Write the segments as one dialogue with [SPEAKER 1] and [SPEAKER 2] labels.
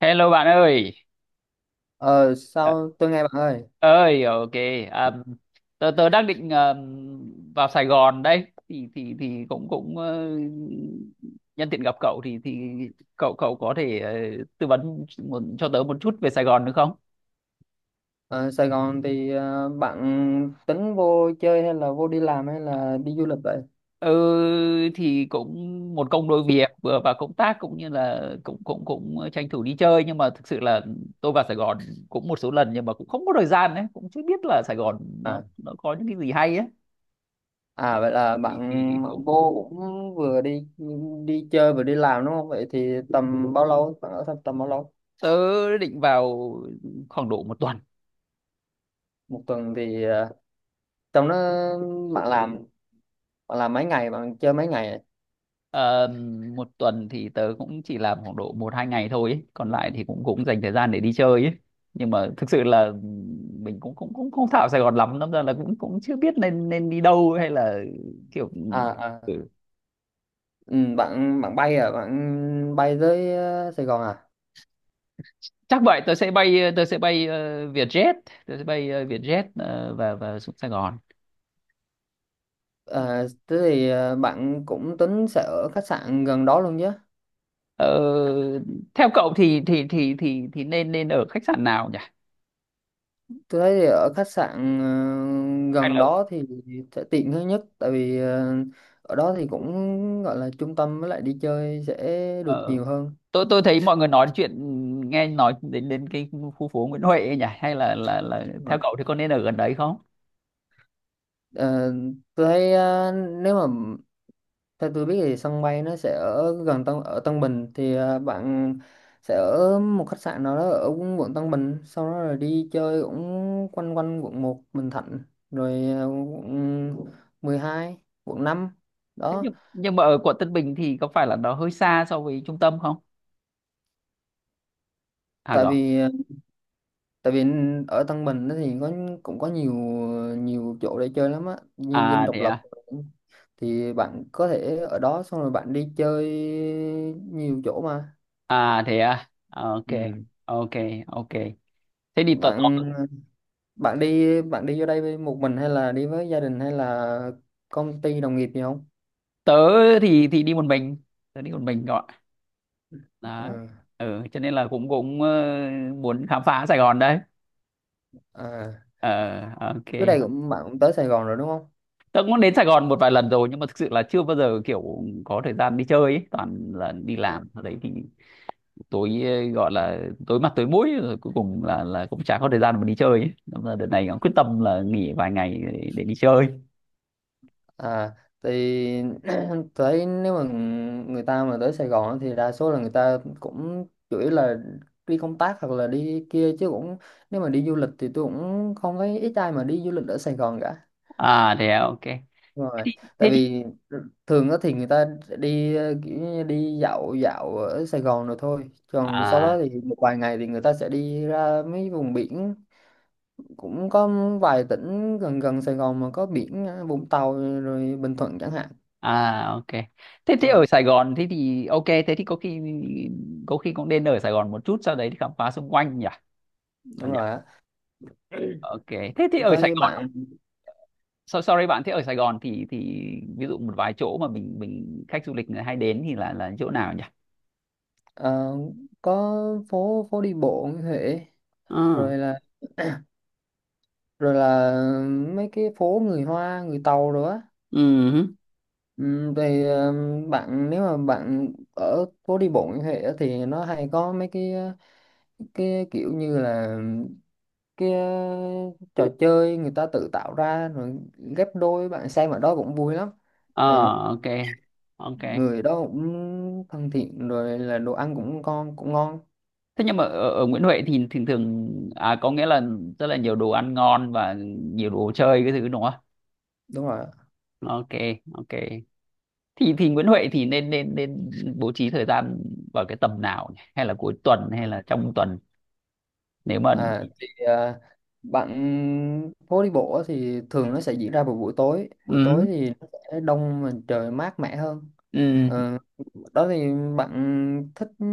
[SPEAKER 1] Hello bạn ơi.
[SPEAKER 2] Ờ
[SPEAKER 1] Ờ,
[SPEAKER 2] sao tôi nghe bạn ơi.
[SPEAKER 1] ơi, ok. um, tớ tớ đang định vào Sài Gòn đây thì cũng cũng nhân tiện gặp cậu thì cậu cậu có thể tư vấn một, cho tớ một chút về Sài Gòn được không?
[SPEAKER 2] Ờ, Sài Gòn thì bạn tính vô chơi, hay là vô đi làm, hay là đi du lịch vậy?
[SPEAKER 1] Ừ, thì cũng một công đôi việc, vừa vào công tác cũng như là cũng cũng cũng tranh thủ đi chơi, nhưng mà thực sự là tôi vào Sài Gòn cũng một số lần nhưng mà cũng không có thời gian, đấy cũng chưa biết là Sài Gòn nó
[SPEAKER 2] à
[SPEAKER 1] nó có những cái gì hay ấy.
[SPEAKER 2] à vậy là
[SPEAKER 1] thì, thì
[SPEAKER 2] bạn
[SPEAKER 1] cũng, cũng
[SPEAKER 2] vô cũng vừa đi đi chơi vừa đi làm đúng không? Vậy thì tầm bao lâu, bạn ở tầm bao lâu?
[SPEAKER 1] tớ định vào khoảng độ một tuần.
[SPEAKER 2] 1 tuần thì trong đó bạn làm, bạn làm mấy ngày, bạn chơi mấy ngày?
[SPEAKER 1] Ờ, một tuần thì tớ cũng chỉ làm khoảng độ một hai ngày thôi ấy. Còn lại thì cũng cũng dành thời gian để đi chơi ấy. Nhưng mà thực sự là mình cũng cũng cũng không thạo Sài Gòn lắm, đâm ra là cũng cũng chưa biết nên nên đi đâu hay là kiểu.
[SPEAKER 2] À,
[SPEAKER 1] Ừ.
[SPEAKER 2] ừ, bạn bạn bay à, bạn bay tới Sài Gòn à?
[SPEAKER 1] Chắc vậy, tớ sẽ bay Vietjet, tớ sẽ bay Vietjet, và xuống Sài Gòn.
[SPEAKER 2] Ờ, thế thì bạn cũng tính sẽ ở khách sạn gần đó luôn chứ?
[SPEAKER 1] Ờ, theo cậu thì thì nên nên ở khách sạn nào nhỉ?
[SPEAKER 2] Tôi thấy thì ở khách sạn
[SPEAKER 1] Hay
[SPEAKER 2] gần
[SPEAKER 1] là.
[SPEAKER 2] đó thì sẽ tiện hơn nhất, tại vì ở đó thì cũng gọi là trung tâm, với lại đi chơi sẽ được
[SPEAKER 1] Ờ,
[SPEAKER 2] nhiều hơn.
[SPEAKER 1] tôi thấy mọi người nói chuyện, nghe nói đến đến cái khu phố Nguyễn Huệ ấy nhỉ, hay là là
[SPEAKER 2] Đúng rồi.
[SPEAKER 1] theo cậu thì có nên ở gần đấy không?
[SPEAKER 2] Ờ, tôi thấy nếu mà theo tôi biết thì sân bay nó sẽ ở gần Tân Bình, thì bạn sẽ ở một khách sạn nào đó ở quận Tân Bình, sau đó rồi đi chơi cũng quanh quanh quận 1, Bình Thạnh, rồi quận 12, quận 5
[SPEAKER 1] Thế
[SPEAKER 2] đó.
[SPEAKER 1] nhưng mà ở quận Tân Bình thì có phải là nó hơi xa so với trung tâm không, à
[SPEAKER 2] Tại
[SPEAKER 1] cậu?
[SPEAKER 2] vì tại vì ở Tân Bình á thì cũng có nhiều, nhiều chỗ để chơi lắm á, như Dinh
[SPEAKER 1] À
[SPEAKER 2] Độc
[SPEAKER 1] thế
[SPEAKER 2] Lập,
[SPEAKER 1] à.
[SPEAKER 2] thì bạn có thể ở đó xong rồi bạn đi chơi nhiều chỗ mà.
[SPEAKER 1] À thế à. À, ok.
[SPEAKER 2] Ừ.
[SPEAKER 1] Ok, ok, thế thì tớ
[SPEAKER 2] bạn bạn đi vô đây với một mình hay là đi với gia đình hay là công ty đồng nghiệp gì không?
[SPEAKER 1] tớ thì đi một mình, tớ đi một mình gọi đó.
[SPEAKER 2] Ừ.
[SPEAKER 1] Ừ, cho nên là cũng cũng muốn khám phá Sài Gòn đấy.
[SPEAKER 2] À.
[SPEAKER 1] Ờ, ok.
[SPEAKER 2] Trước đây cũng bạn cũng tới Sài Gòn rồi đúng không?
[SPEAKER 1] Tớ cũng đến Sài Gòn một vài lần rồi nhưng mà thực sự là chưa bao giờ kiểu có thời gian đi chơi ấy. Toàn là đi làm ở đấy thì tối gọi là tối mặt tối mũi, rồi cuối cùng là cũng chả có thời gian mà đi chơi ấy. Nên là đợt này cũng quyết tâm là nghỉ vài ngày để đi chơi.
[SPEAKER 2] À, thì tới nếu mà người ta mà tới Sài Gòn á, thì đa số là người ta cũng chủ yếu là đi công tác hoặc là đi kia chứ, cũng nếu mà đi du lịch thì tôi cũng không thấy ít ai mà đi du lịch ở Sài Gòn cả.
[SPEAKER 1] À thế à, ok.
[SPEAKER 2] Đúng rồi, tại
[SPEAKER 1] Thế thì.
[SPEAKER 2] vì thường á thì người ta đi kiểu như đi dạo dạo ở Sài Gòn rồi thôi, còn sau đó
[SPEAKER 1] À,
[SPEAKER 2] thì một vài ngày thì người ta sẽ đi ra mấy vùng biển, cũng có vài tỉnh gần gần Sài Gòn mà có biển, Vũng Tàu rồi Bình Thuận chẳng hạn.
[SPEAKER 1] à, ok. Thế
[SPEAKER 2] Đúng
[SPEAKER 1] thế
[SPEAKER 2] rồi,
[SPEAKER 1] ở Sài Gòn, thế thì ok, thế thì có khi cũng nên ở Sài Gòn một chút, sau đấy thì khám phá xung quanh nhỉ.
[SPEAKER 2] đúng
[SPEAKER 1] Bạn nhỉ?
[SPEAKER 2] rồi á.
[SPEAKER 1] Ok. Thế thì ở Sài
[SPEAKER 2] Tới
[SPEAKER 1] Gòn.
[SPEAKER 2] bạn,
[SPEAKER 1] Sorry bạn, thế ở Sài Gòn thì ví dụ một vài chỗ mà mình khách du lịch người hay đến thì là chỗ nào nhỉ?
[SPEAKER 2] ờ, có phố phố đi bộ như thế,
[SPEAKER 1] Ờ.
[SPEAKER 2] rồi là rồi là mấy cái phố người Hoa, người Tàu rồi á.
[SPEAKER 1] Ừ.
[SPEAKER 2] Ừ, thì bạn nếu mà bạn ở phố đi bộ như thế á, thì nó hay có mấy cái, cái kiểu như là cái, trò chơi người ta tự tạo ra rồi ghép đôi, bạn xem ở đó cũng vui lắm.
[SPEAKER 1] Ờ,
[SPEAKER 2] Ờ,
[SPEAKER 1] ok, ok.
[SPEAKER 2] người đó cũng thân thiện, rồi là đồ ăn cũng ngon, cũng ngon.
[SPEAKER 1] Thế nhưng mà ở Nguyễn Huệ thì thường thường à, có nghĩa là rất là nhiều đồ ăn ngon và nhiều đồ chơi cái thứ đúng không?
[SPEAKER 2] Đúng rồi.
[SPEAKER 1] Ok, ok. Thì Nguyễn Huệ thì nên nên nên bố trí thời gian vào cái tầm nào nhỉ? Hay là cuối tuần hay là trong tuần nếu mà.
[SPEAKER 2] À, thì à, bạn phố đi bộ á thì thường nó sẽ diễn ra vào buổi tối. Buổi
[SPEAKER 1] Ừ.
[SPEAKER 2] tối thì nó sẽ đông và trời mát mẻ hơn.
[SPEAKER 1] Ừ.
[SPEAKER 2] Ờ, đó thì bạn thích ừ,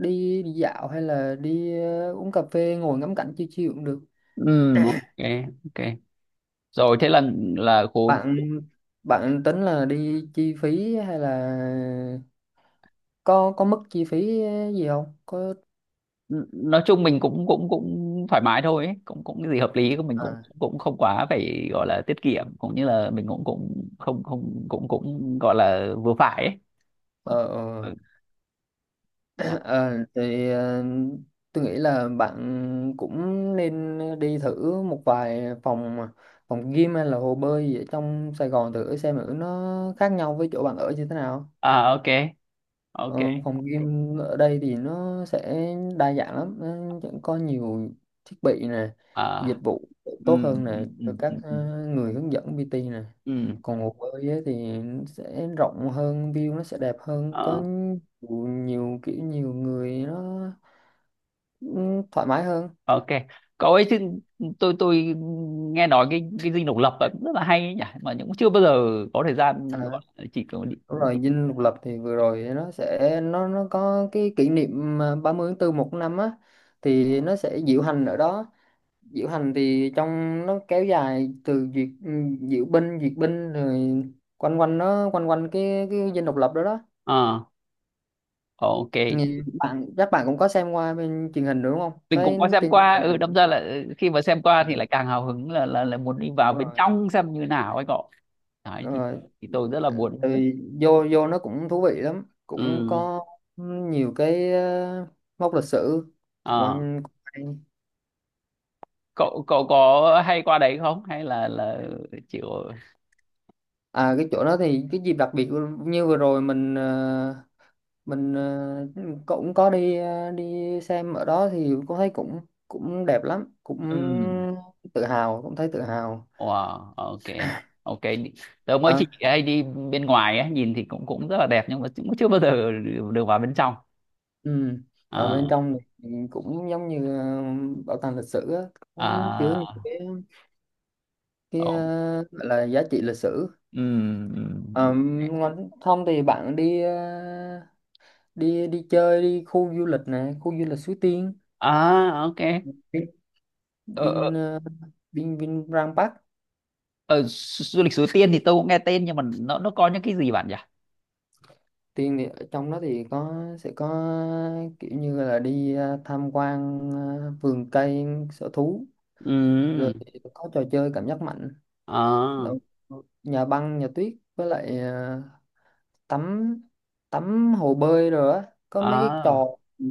[SPEAKER 2] đi, đi dạo hay là đi uống cà phê ngồi ngắm cảnh chill chill cũng được.
[SPEAKER 1] Ừ. Ok, ok, rồi thế là khu.
[SPEAKER 2] Bạn bạn tính là đi chi phí hay là có mức chi phí gì không? Có
[SPEAKER 1] Nói chung mình cũng cũng cũng thoải mái thôi ấy. Cũng cũng cái gì hợp lý của mình cũng
[SPEAKER 2] à,
[SPEAKER 1] cũng không quá phải gọi là tiết kiệm, cũng như là mình cũng cũng không không cũng cũng gọi là vừa phải ấy.
[SPEAKER 2] ờ, ờ.
[SPEAKER 1] Ừ. Đó.
[SPEAKER 2] Ờ, thì tôi nghĩ là bạn cũng nên đi thử một vài phòng phòng gym hay là hồ bơi gì ở trong Sài Gòn, thử xem thử nó khác nhau với chỗ bạn ở như thế nào.
[SPEAKER 1] À, ok, ok.
[SPEAKER 2] Ờ, phòng gym ở đây thì nó sẽ đa dạng lắm, nó sẽ có nhiều thiết bị nè, dịch
[SPEAKER 1] À.
[SPEAKER 2] vụ
[SPEAKER 1] ừ
[SPEAKER 2] tốt hơn
[SPEAKER 1] ừ
[SPEAKER 2] nè,
[SPEAKER 1] ừ
[SPEAKER 2] rồi các
[SPEAKER 1] ừ ừ.
[SPEAKER 2] người hướng dẫn PT nè.
[SPEAKER 1] Ừ.
[SPEAKER 2] Còn hồ bơi ấy thì sẽ rộng hơn, view nó sẽ đẹp hơn, có
[SPEAKER 1] Ờ,
[SPEAKER 2] nhiều, nhiều kiểu nhiều người nó thoải mái hơn.
[SPEAKER 1] ok, cậu ấy chứ. Tôi nghe nói cái dinh độc lập ấy cũng rất là hay ấy nhỉ, mà cũng chưa bao giờ có thời gian, gọi
[SPEAKER 2] À,
[SPEAKER 1] là chỉ có đi,
[SPEAKER 2] đúng
[SPEAKER 1] đi.
[SPEAKER 2] rồi, dinh độc lập thì vừa rồi nó nó có cái kỷ niệm à, 30 tháng 4 một năm á, thì nó sẽ diễu hành ở đó. Diễu hành thì trong nó kéo dài từ duyệt diễu binh, duyệt binh, rồi quanh quanh nó, quanh quanh cái dinh độc lập đó đó.
[SPEAKER 1] Ờ, ok.
[SPEAKER 2] Nhìn bạn chắc bạn cũng có xem qua bên truyền hình đúng không,
[SPEAKER 1] Mình cũng
[SPEAKER 2] thấy
[SPEAKER 1] có xem
[SPEAKER 2] trên
[SPEAKER 1] qua,
[SPEAKER 2] truyền
[SPEAKER 1] ừ, đâm
[SPEAKER 2] hình.
[SPEAKER 1] ra là ừ, khi mà xem qua
[SPEAKER 2] Ừ,
[SPEAKER 1] thì lại càng hào hứng là muốn đi vào
[SPEAKER 2] đúng
[SPEAKER 1] bên
[SPEAKER 2] rồi,
[SPEAKER 1] trong xem như nào ấy cậu. Đấy
[SPEAKER 2] đúng rồi.
[SPEAKER 1] thì tôi rất là
[SPEAKER 2] Ừ,
[SPEAKER 1] muốn.
[SPEAKER 2] vô vô nó cũng thú vị lắm, cũng
[SPEAKER 1] Ừ.
[SPEAKER 2] có nhiều cái mốc lịch sử
[SPEAKER 1] Ờ.
[SPEAKER 2] quan hay.
[SPEAKER 1] cậu cậu có hay qua đấy không, hay là chịu?
[SPEAKER 2] À cái chỗ đó thì cái dịp đặc biệt như vừa rồi mình mình ờ, cũng có đi đi xem ở đó thì cũng thấy cũng cũng đẹp lắm, cũng
[SPEAKER 1] Ừ.
[SPEAKER 2] tự hào, cũng thấy tự hào.
[SPEAKER 1] Wow, ok, ok. Tớ mới
[SPEAKER 2] Ờ,
[SPEAKER 1] chỉ hay đi bên ngoài ấy, nhìn thì cũng cũng rất là đẹp nhưng mà cũng chưa bao giờ được được vào bên trong.
[SPEAKER 2] ừ. Ở bên
[SPEAKER 1] Ờ.
[SPEAKER 2] trong thì cũng giống như bảo tàng lịch sử á, có chứa
[SPEAKER 1] À.
[SPEAKER 2] những cái
[SPEAKER 1] Ồ,
[SPEAKER 2] gọi là giá trị lịch sử.
[SPEAKER 1] ừ, ừ.
[SPEAKER 2] Ngon. Không thì bạn đi đi đi chơi đi, khu du lịch này, khu du lịch Suối Tiên,
[SPEAKER 1] À, ok.
[SPEAKER 2] Vin
[SPEAKER 1] Ờ, ờ.
[SPEAKER 2] Vin ờ, Vin Vinpearl Park.
[SPEAKER 1] Ờ, du du lịch Suối Tiên thì tôi cũng nghe tên nhưng mà nó có những cái gì bạn nhỉ?
[SPEAKER 2] Tiên thì ở trong đó thì sẽ có kiểu như là đi tham quan vườn cây, sở thú,
[SPEAKER 1] Ừ.
[SPEAKER 2] rồi có trò chơi cảm giác mạnh,
[SPEAKER 1] À.
[SPEAKER 2] rồi nhà băng nhà tuyết, với lại tắm, hồ bơi rồi á, có mấy cái
[SPEAKER 1] À.
[SPEAKER 2] trò,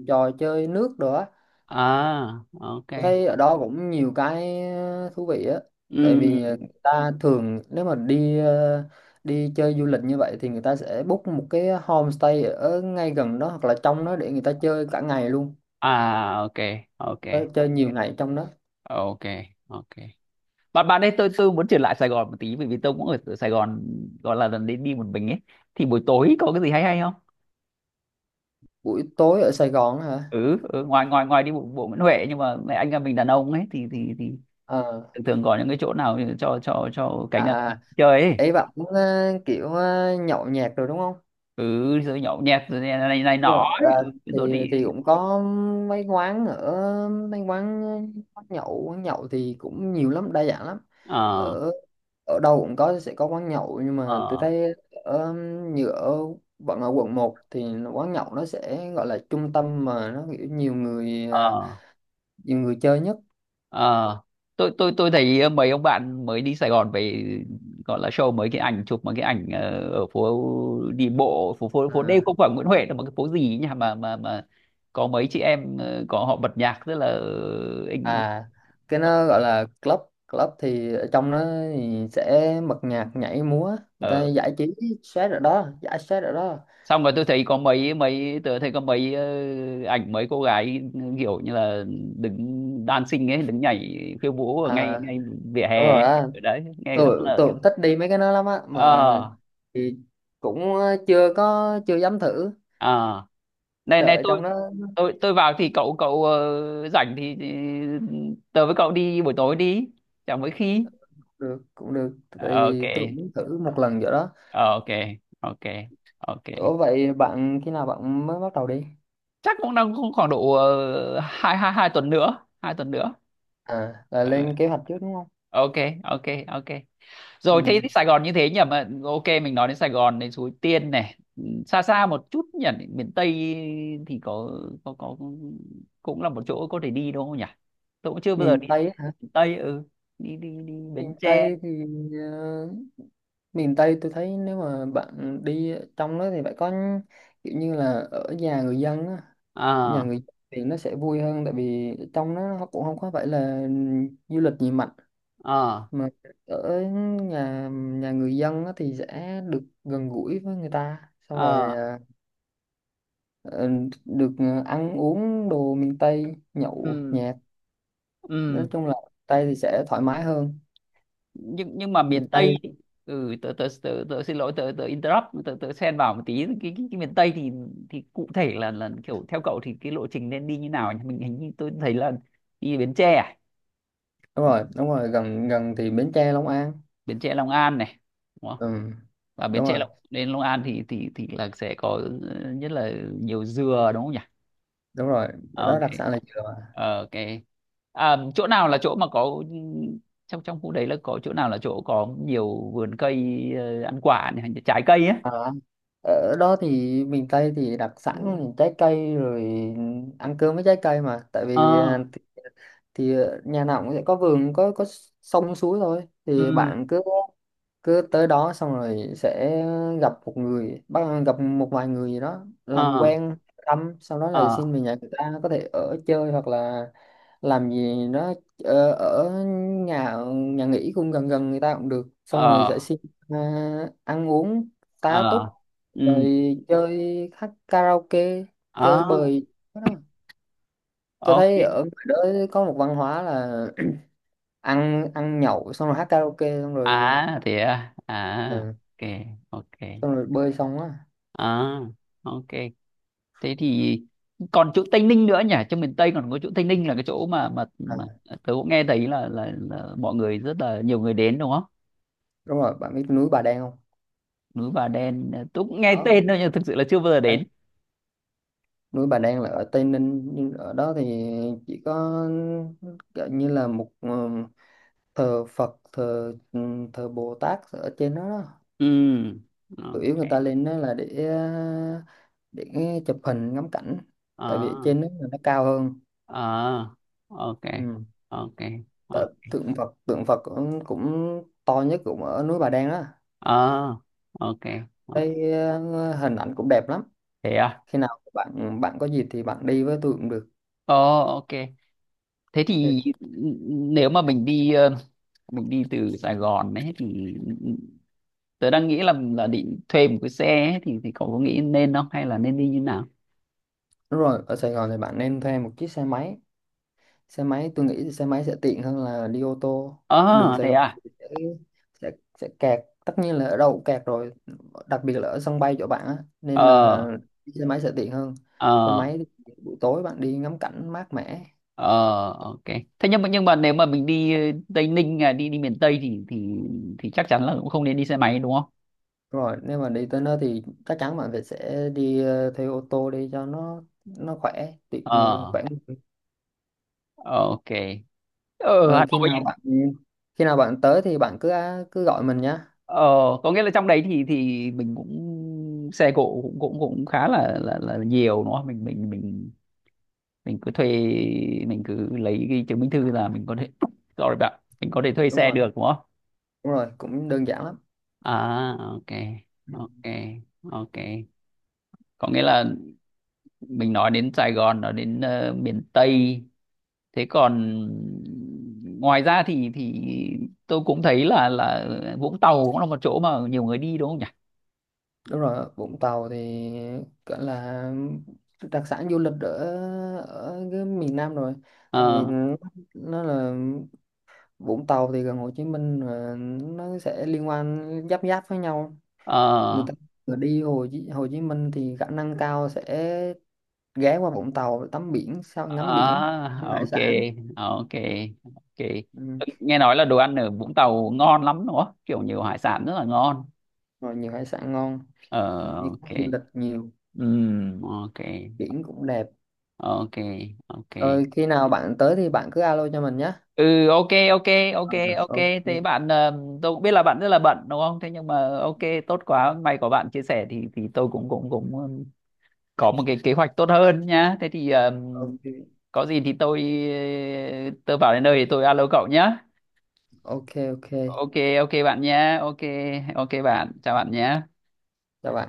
[SPEAKER 2] chơi nước rồi á.
[SPEAKER 1] Ờ, ok.
[SPEAKER 2] Tôi thấy ở đó cũng nhiều cái thú vị á, tại
[SPEAKER 1] Ừ.
[SPEAKER 2] vì người ta thường nếu mà đi đi chơi du lịch như vậy thì người ta sẽ book một cái homestay ở ngay gần đó hoặc là trong đó để người ta chơi cả ngày luôn.
[SPEAKER 1] À, ok, ok,
[SPEAKER 2] Ờ, chơi nhiều ngày trong đó.
[SPEAKER 1] ok, ok. Bạn bạn ấy, tôi muốn trở lại Sài Gòn một tí, bởi vì tôi cũng ở ở Sài Gòn gọi là lần đi đi một mình ấy. Thì buổi tối có cái gì hay hay không?
[SPEAKER 2] Buổi tối ở Sài Gòn á hả?
[SPEAKER 1] Ừ, ừ, ngoài ngoài ngoài đi bộ bộ Nguyễn Huệ, nhưng mà mẹ anh em mình đàn ông ấy thì thì
[SPEAKER 2] Ờ,
[SPEAKER 1] thường thường có những cái chỗ nào cho cho
[SPEAKER 2] à,
[SPEAKER 1] cánh đàn ông
[SPEAKER 2] à,
[SPEAKER 1] chơi ấy.
[SPEAKER 2] ấy bạn cũng kiểu nhậu nhẹt rồi đúng không?
[SPEAKER 1] Ừ, rồi nhậu nhẹt, rồi này này, này
[SPEAKER 2] Đúng
[SPEAKER 1] nọ
[SPEAKER 2] rồi.
[SPEAKER 1] ấy.
[SPEAKER 2] À,
[SPEAKER 1] Ừ, rồi đi.
[SPEAKER 2] thì cũng có mấy quán, ở mấy quán, quán nhậu, quán nhậu thì cũng nhiều lắm, đa dạng lắm,
[SPEAKER 1] ờ
[SPEAKER 2] ở ở đâu cũng có, sẽ có quán nhậu, nhưng mà tôi
[SPEAKER 1] ờ
[SPEAKER 2] thấy ở, như ở, vẫn ở quận 1 thì quán nhậu nó sẽ gọi là trung tâm, mà nó kiểu nhiều người à,
[SPEAKER 1] ờ
[SPEAKER 2] nhiều người chơi nhất.
[SPEAKER 1] ờ Tôi thấy mấy ông bạn mới đi Sài Gòn về, gọi là show mấy cái ảnh chụp mấy cái ảnh ở phố đi bộ, phố phố phố đêm,
[SPEAKER 2] À,
[SPEAKER 1] không phải Nguyễn Huệ đâu mà cái phố gì ấy nhỉ, mà có mấy chị em, có họ bật nhạc rất là anh.
[SPEAKER 2] à cái nó gọi là club, thì ở trong nó thì sẽ bật nhạc nhảy múa, người ta giải trí stress ở đó, giải stress ở đó.
[SPEAKER 1] Xong rồi tôi thấy có mấy mấy tôi thấy có mấy ảnh mấy cô gái kiểu như là đứng dancing ấy, đứng nhảy khiêu vũ ở ngay
[SPEAKER 2] À,
[SPEAKER 1] ngay vỉa
[SPEAKER 2] đúng
[SPEAKER 1] hè,
[SPEAKER 2] rồi á,
[SPEAKER 1] ở đấy nghe rất
[SPEAKER 2] tôi
[SPEAKER 1] là.
[SPEAKER 2] tôi cũng thích đi mấy cái đó lắm á, mà
[SPEAKER 1] Ờ.
[SPEAKER 2] thì cũng chưa có, chưa dám thử,
[SPEAKER 1] À, này này,
[SPEAKER 2] sợ
[SPEAKER 1] tôi
[SPEAKER 2] trong đó.
[SPEAKER 1] tôi tôi vào thì cậu cậu rảnh thì tớ với cậu đi buổi tối đi, chẳng mấy khi.
[SPEAKER 2] Được cũng được, tại
[SPEAKER 1] ok
[SPEAKER 2] vì tôi cũng muốn thử một lần vậy đó.
[SPEAKER 1] ok ok ok.
[SPEAKER 2] Ủa vậy bạn khi nào bạn mới bắt đầu đi?
[SPEAKER 1] Chắc cũng đang cũng khoảng độ hai hai hai tuần nữa,
[SPEAKER 2] À là lên
[SPEAKER 1] Ờ,
[SPEAKER 2] kế hoạch trước đúng không?
[SPEAKER 1] ok, ok ok. Rồi thế
[SPEAKER 2] Ừ.
[SPEAKER 1] thì Sài Gòn như thế nhỉ, mà ok, mình nói đến Sài Gòn, đến Suối Tiên này. Ừ, xa xa một chút nhỉ, miền Tây thì có có cũng là một chỗ có thể đi đúng không nhỉ, tôi cũng chưa bao giờ
[SPEAKER 2] Miền
[SPEAKER 1] đi
[SPEAKER 2] Tây á hả?
[SPEAKER 1] miền Tây, ừ, đi đi đi Bến
[SPEAKER 2] Miền
[SPEAKER 1] Tre.
[SPEAKER 2] Tây thì ờ, miền Tây tôi thấy nếu mà bạn đi trong đó thì phải có kiểu như là ở nhà người dân á, nhà
[SPEAKER 1] ờ
[SPEAKER 2] người dân thì nó sẽ vui hơn, tại vì trong nó cũng không có phải là du lịch gì mạnh,
[SPEAKER 1] ờ
[SPEAKER 2] mà ở nhà nhà người dân á thì sẽ được gần gũi với người ta, xong rồi
[SPEAKER 1] ờ
[SPEAKER 2] à, ờ, được ăn uống đồ miền Tây, nhậu
[SPEAKER 1] ừ
[SPEAKER 2] nhẹt,
[SPEAKER 1] ừ
[SPEAKER 2] nói chung là Tây thì sẽ thoải mái hơn.
[SPEAKER 1] nhưng mà
[SPEAKER 2] Miền
[SPEAKER 1] miền Tây
[SPEAKER 2] Tây.
[SPEAKER 1] thì. Ừ, tớ xin lỗi, tớ tớ interrupt, tớ tớ xen vào một tí cái, miền Tây thì cụ thể là kiểu theo cậu thì cái lộ trình nên đi như nào nhỉ, mình hình như tôi thấy là đi Bến Tre à?
[SPEAKER 2] Đúng rồi, đúng rồi, gần gần thì Bến Tre, Long An.
[SPEAKER 1] Bến Tre Long An này, đúng không?
[SPEAKER 2] Ừ.
[SPEAKER 1] Và Bến
[SPEAKER 2] Đúng
[SPEAKER 1] Tre
[SPEAKER 2] rồi,
[SPEAKER 1] Long đến Long An thì thì là sẽ có ừ, nhất là nhiều dừa, đúng không nhỉ?
[SPEAKER 2] đúng rồi
[SPEAKER 1] Ờ,
[SPEAKER 2] đó,
[SPEAKER 1] ok.
[SPEAKER 2] đặc sản là dừa mà.
[SPEAKER 1] Ờ, ok. À, chỗ nào là chỗ mà có ừ, trong trong khu đấy là có chỗ nào là chỗ có nhiều vườn cây ăn quả này, hay là trái cây ấy?
[SPEAKER 2] À, ở đó thì miền Tây thì đặc sản là trái cây rồi, ăn cơm với trái cây mà, tại vì à,
[SPEAKER 1] Ờ.
[SPEAKER 2] thì nhà nào cũng sẽ có vườn, có sông suối thôi, thì
[SPEAKER 1] Ừ.
[SPEAKER 2] bạn cứ cứ tới đó xong rồi sẽ gặp một người, bắt gặp một vài người gì đó làm
[SPEAKER 1] ờ
[SPEAKER 2] quen, thăm, sau đó là
[SPEAKER 1] ờ
[SPEAKER 2] xin về nhà người ta có thể ở chơi hoặc là làm gì đó, ở, ở nhà nhà nghỉ cũng gần gần người ta cũng được, xong rồi sẽ
[SPEAKER 1] ờ
[SPEAKER 2] xin à, ăn uống, tá túc,
[SPEAKER 1] ờ ừ.
[SPEAKER 2] rồi chơi hát karaoke,
[SPEAKER 1] Ờ,
[SPEAKER 2] chơi bời. Cái đó. Tôi
[SPEAKER 1] ok.
[SPEAKER 2] thấy ở ngoài đó có một văn hóa là ăn ăn nhậu xong rồi hát karaoke xong rồi
[SPEAKER 1] À thế à. À,
[SPEAKER 2] ừ,
[SPEAKER 1] ok, ok.
[SPEAKER 2] xong rồi bơi xong á.
[SPEAKER 1] À, ok. Thế thì còn chỗ Tây Ninh nữa nhỉ, trong miền Tây còn có chỗ Tây Ninh là cái chỗ mà mà,
[SPEAKER 2] À,
[SPEAKER 1] mà tớ cũng nghe thấy là mọi người rất là nhiều người đến đúng không?
[SPEAKER 2] đúng rồi, bạn biết núi Bà Đen không?
[SPEAKER 1] Núi Bà Đen, ờ, tớ cũng nghe
[SPEAKER 2] Đó,
[SPEAKER 1] tên thôi nhưng thực sự là chưa bao giờ
[SPEAKER 2] đấy.
[SPEAKER 1] đến.
[SPEAKER 2] Núi Bà Đen là ở Tây Ninh, nhưng ở đó thì chỉ có kiểu như là một ừ, thờ Phật, thờ ừ, thờ Bồ Tát ở trên đó, đó.
[SPEAKER 1] Ừ.
[SPEAKER 2] Chủ yếu
[SPEAKER 1] Ok.
[SPEAKER 2] người ta lên đó là để để chụp hình ngắm cảnh, tại vì
[SPEAKER 1] À,
[SPEAKER 2] trên đó là nó cao hơn.
[SPEAKER 1] à, ok,
[SPEAKER 2] Ừ.
[SPEAKER 1] ok,
[SPEAKER 2] Tại
[SPEAKER 1] ok.
[SPEAKER 2] tượng Phật, tượng Phật cũng, cũng to nhất cũng ở núi Bà Đen đó.
[SPEAKER 1] À, ok. Ok,
[SPEAKER 2] Cái hình ảnh cũng đẹp lắm.
[SPEAKER 1] thế à.
[SPEAKER 2] Khi nào bạn bạn có dịp thì bạn đi với tôi cũng được.
[SPEAKER 1] Ờ, ok. Thế thì
[SPEAKER 2] Thì-
[SPEAKER 1] nếu mà mình đi mình đi từ Sài Gòn ấy, thì tớ đang nghĩ là định thuê một cái xe ấy, thì cậu có nghĩ nên không, hay là nên đi như nào?
[SPEAKER 2] đúng rồi, ở Sài Gòn thì bạn nên thuê một chiếc xe máy, tôi nghĩ xe máy sẽ tiện hơn là đi ô tô. Đường
[SPEAKER 1] Ờ
[SPEAKER 2] Sài
[SPEAKER 1] thế
[SPEAKER 2] Gòn
[SPEAKER 1] à.
[SPEAKER 2] sẽ sẽ, sẽ kẹt, tất nhiên là ở đâu cũng kẹt rồi, đặc biệt là ở sân bay chỗ bạn á, nên là
[SPEAKER 1] ờ
[SPEAKER 2] xe máy sẽ tiện hơn. Xe
[SPEAKER 1] ờ
[SPEAKER 2] máy thì buổi tối bạn đi ngắm cảnh mát mẻ.
[SPEAKER 1] ờ ok. Thế nhưng mà nếu mà mình đi Tây Ninh à, đi đi miền Tây thì chắc chắn là cũng không nên đi xe máy đúng không?
[SPEAKER 2] Rồi nếu mà đi tới nơi thì chắc chắn bạn phải sẽ đi thuê ô tô đi cho nó khỏe, tiện người
[SPEAKER 1] Ờ,
[SPEAKER 2] khỏe người.
[SPEAKER 1] ok. Ở
[SPEAKER 2] Rồi
[SPEAKER 1] Hà Nội ấy,
[SPEAKER 2] khi nào bạn tới thì bạn cứ cứ gọi mình nhá.
[SPEAKER 1] ờ, có nghĩa là trong đấy thì mình cũng xe cộ cũng cũng cũng khá là là nhiều đúng không, mình mình cứ thuê, mình cứ lấy cái chứng minh thư là mình có thể sorry bạn, mình có thể thuê
[SPEAKER 2] Đúng
[SPEAKER 1] xe
[SPEAKER 2] rồi,
[SPEAKER 1] được đúng không?
[SPEAKER 2] đúng rồi cũng đơn giản lắm.
[SPEAKER 1] À, ok ok ok. Có nghĩa là mình nói đến Sài Gòn, nói đến miền Tây, thế còn ngoài ra thì tôi cũng thấy là Vũng Tàu cũng là một chỗ mà nhiều người đi đúng không nhỉ?
[SPEAKER 2] Đúng rồi, Vũng Tàu thì gọi là đặc sản du lịch ở ở cái miền Nam rồi, tại vì
[SPEAKER 1] ờ
[SPEAKER 2] nó là Vũng Tàu thì gần Hồ Chí Minh rồi, nó sẽ liên quan, giáp giáp với nhau. Người
[SPEAKER 1] ờ
[SPEAKER 2] ta vừa đi Hồ Chí Minh thì khả năng cao sẽ ghé qua Vũng Tàu để tắm biển, sau ngắm biển, ăn
[SPEAKER 1] à,
[SPEAKER 2] hải
[SPEAKER 1] ok
[SPEAKER 2] sản.
[SPEAKER 1] ok ok.
[SPEAKER 2] Ừ.
[SPEAKER 1] Nghe nói là đồ ăn ở Vũng Tàu ngon lắm đúng không, kiểu nhiều hải sản rất là ngon.
[SPEAKER 2] Rồi nhiều hải sản ngon,
[SPEAKER 1] Ờ,
[SPEAKER 2] như
[SPEAKER 1] ok.
[SPEAKER 2] du lịch nhiều,
[SPEAKER 1] Ừm, ok
[SPEAKER 2] biển cũng đẹp.
[SPEAKER 1] ok ok
[SPEAKER 2] Rồi khi nào bạn tới thì bạn cứ alo cho mình nhé.
[SPEAKER 1] Ừ, ok, ok ok
[SPEAKER 2] Ờ,
[SPEAKER 1] ok. Thế
[SPEAKER 2] ok,
[SPEAKER 1] bạn tôi cũng biết là bạn rất là bận đúng không, thế nhưng mà ok, tốt quá, may có bạn chia sẻ thì tôi cũng cũng cũng có một cái kế hoạch tốt hơn nhá, thế thì
[SPEAKER 2] ok,
[SPEAKER 1] có gì thì tôi ờ, tôi vào đến nơi thì tôi alo cậu nhá.
[SPEAKER 2] ok, ok,
[SPEAKER 1] Ok, ok bạn nhá, ok, ok bạn, chào bạn nhé.
[SPEAKER 2] chào bạn.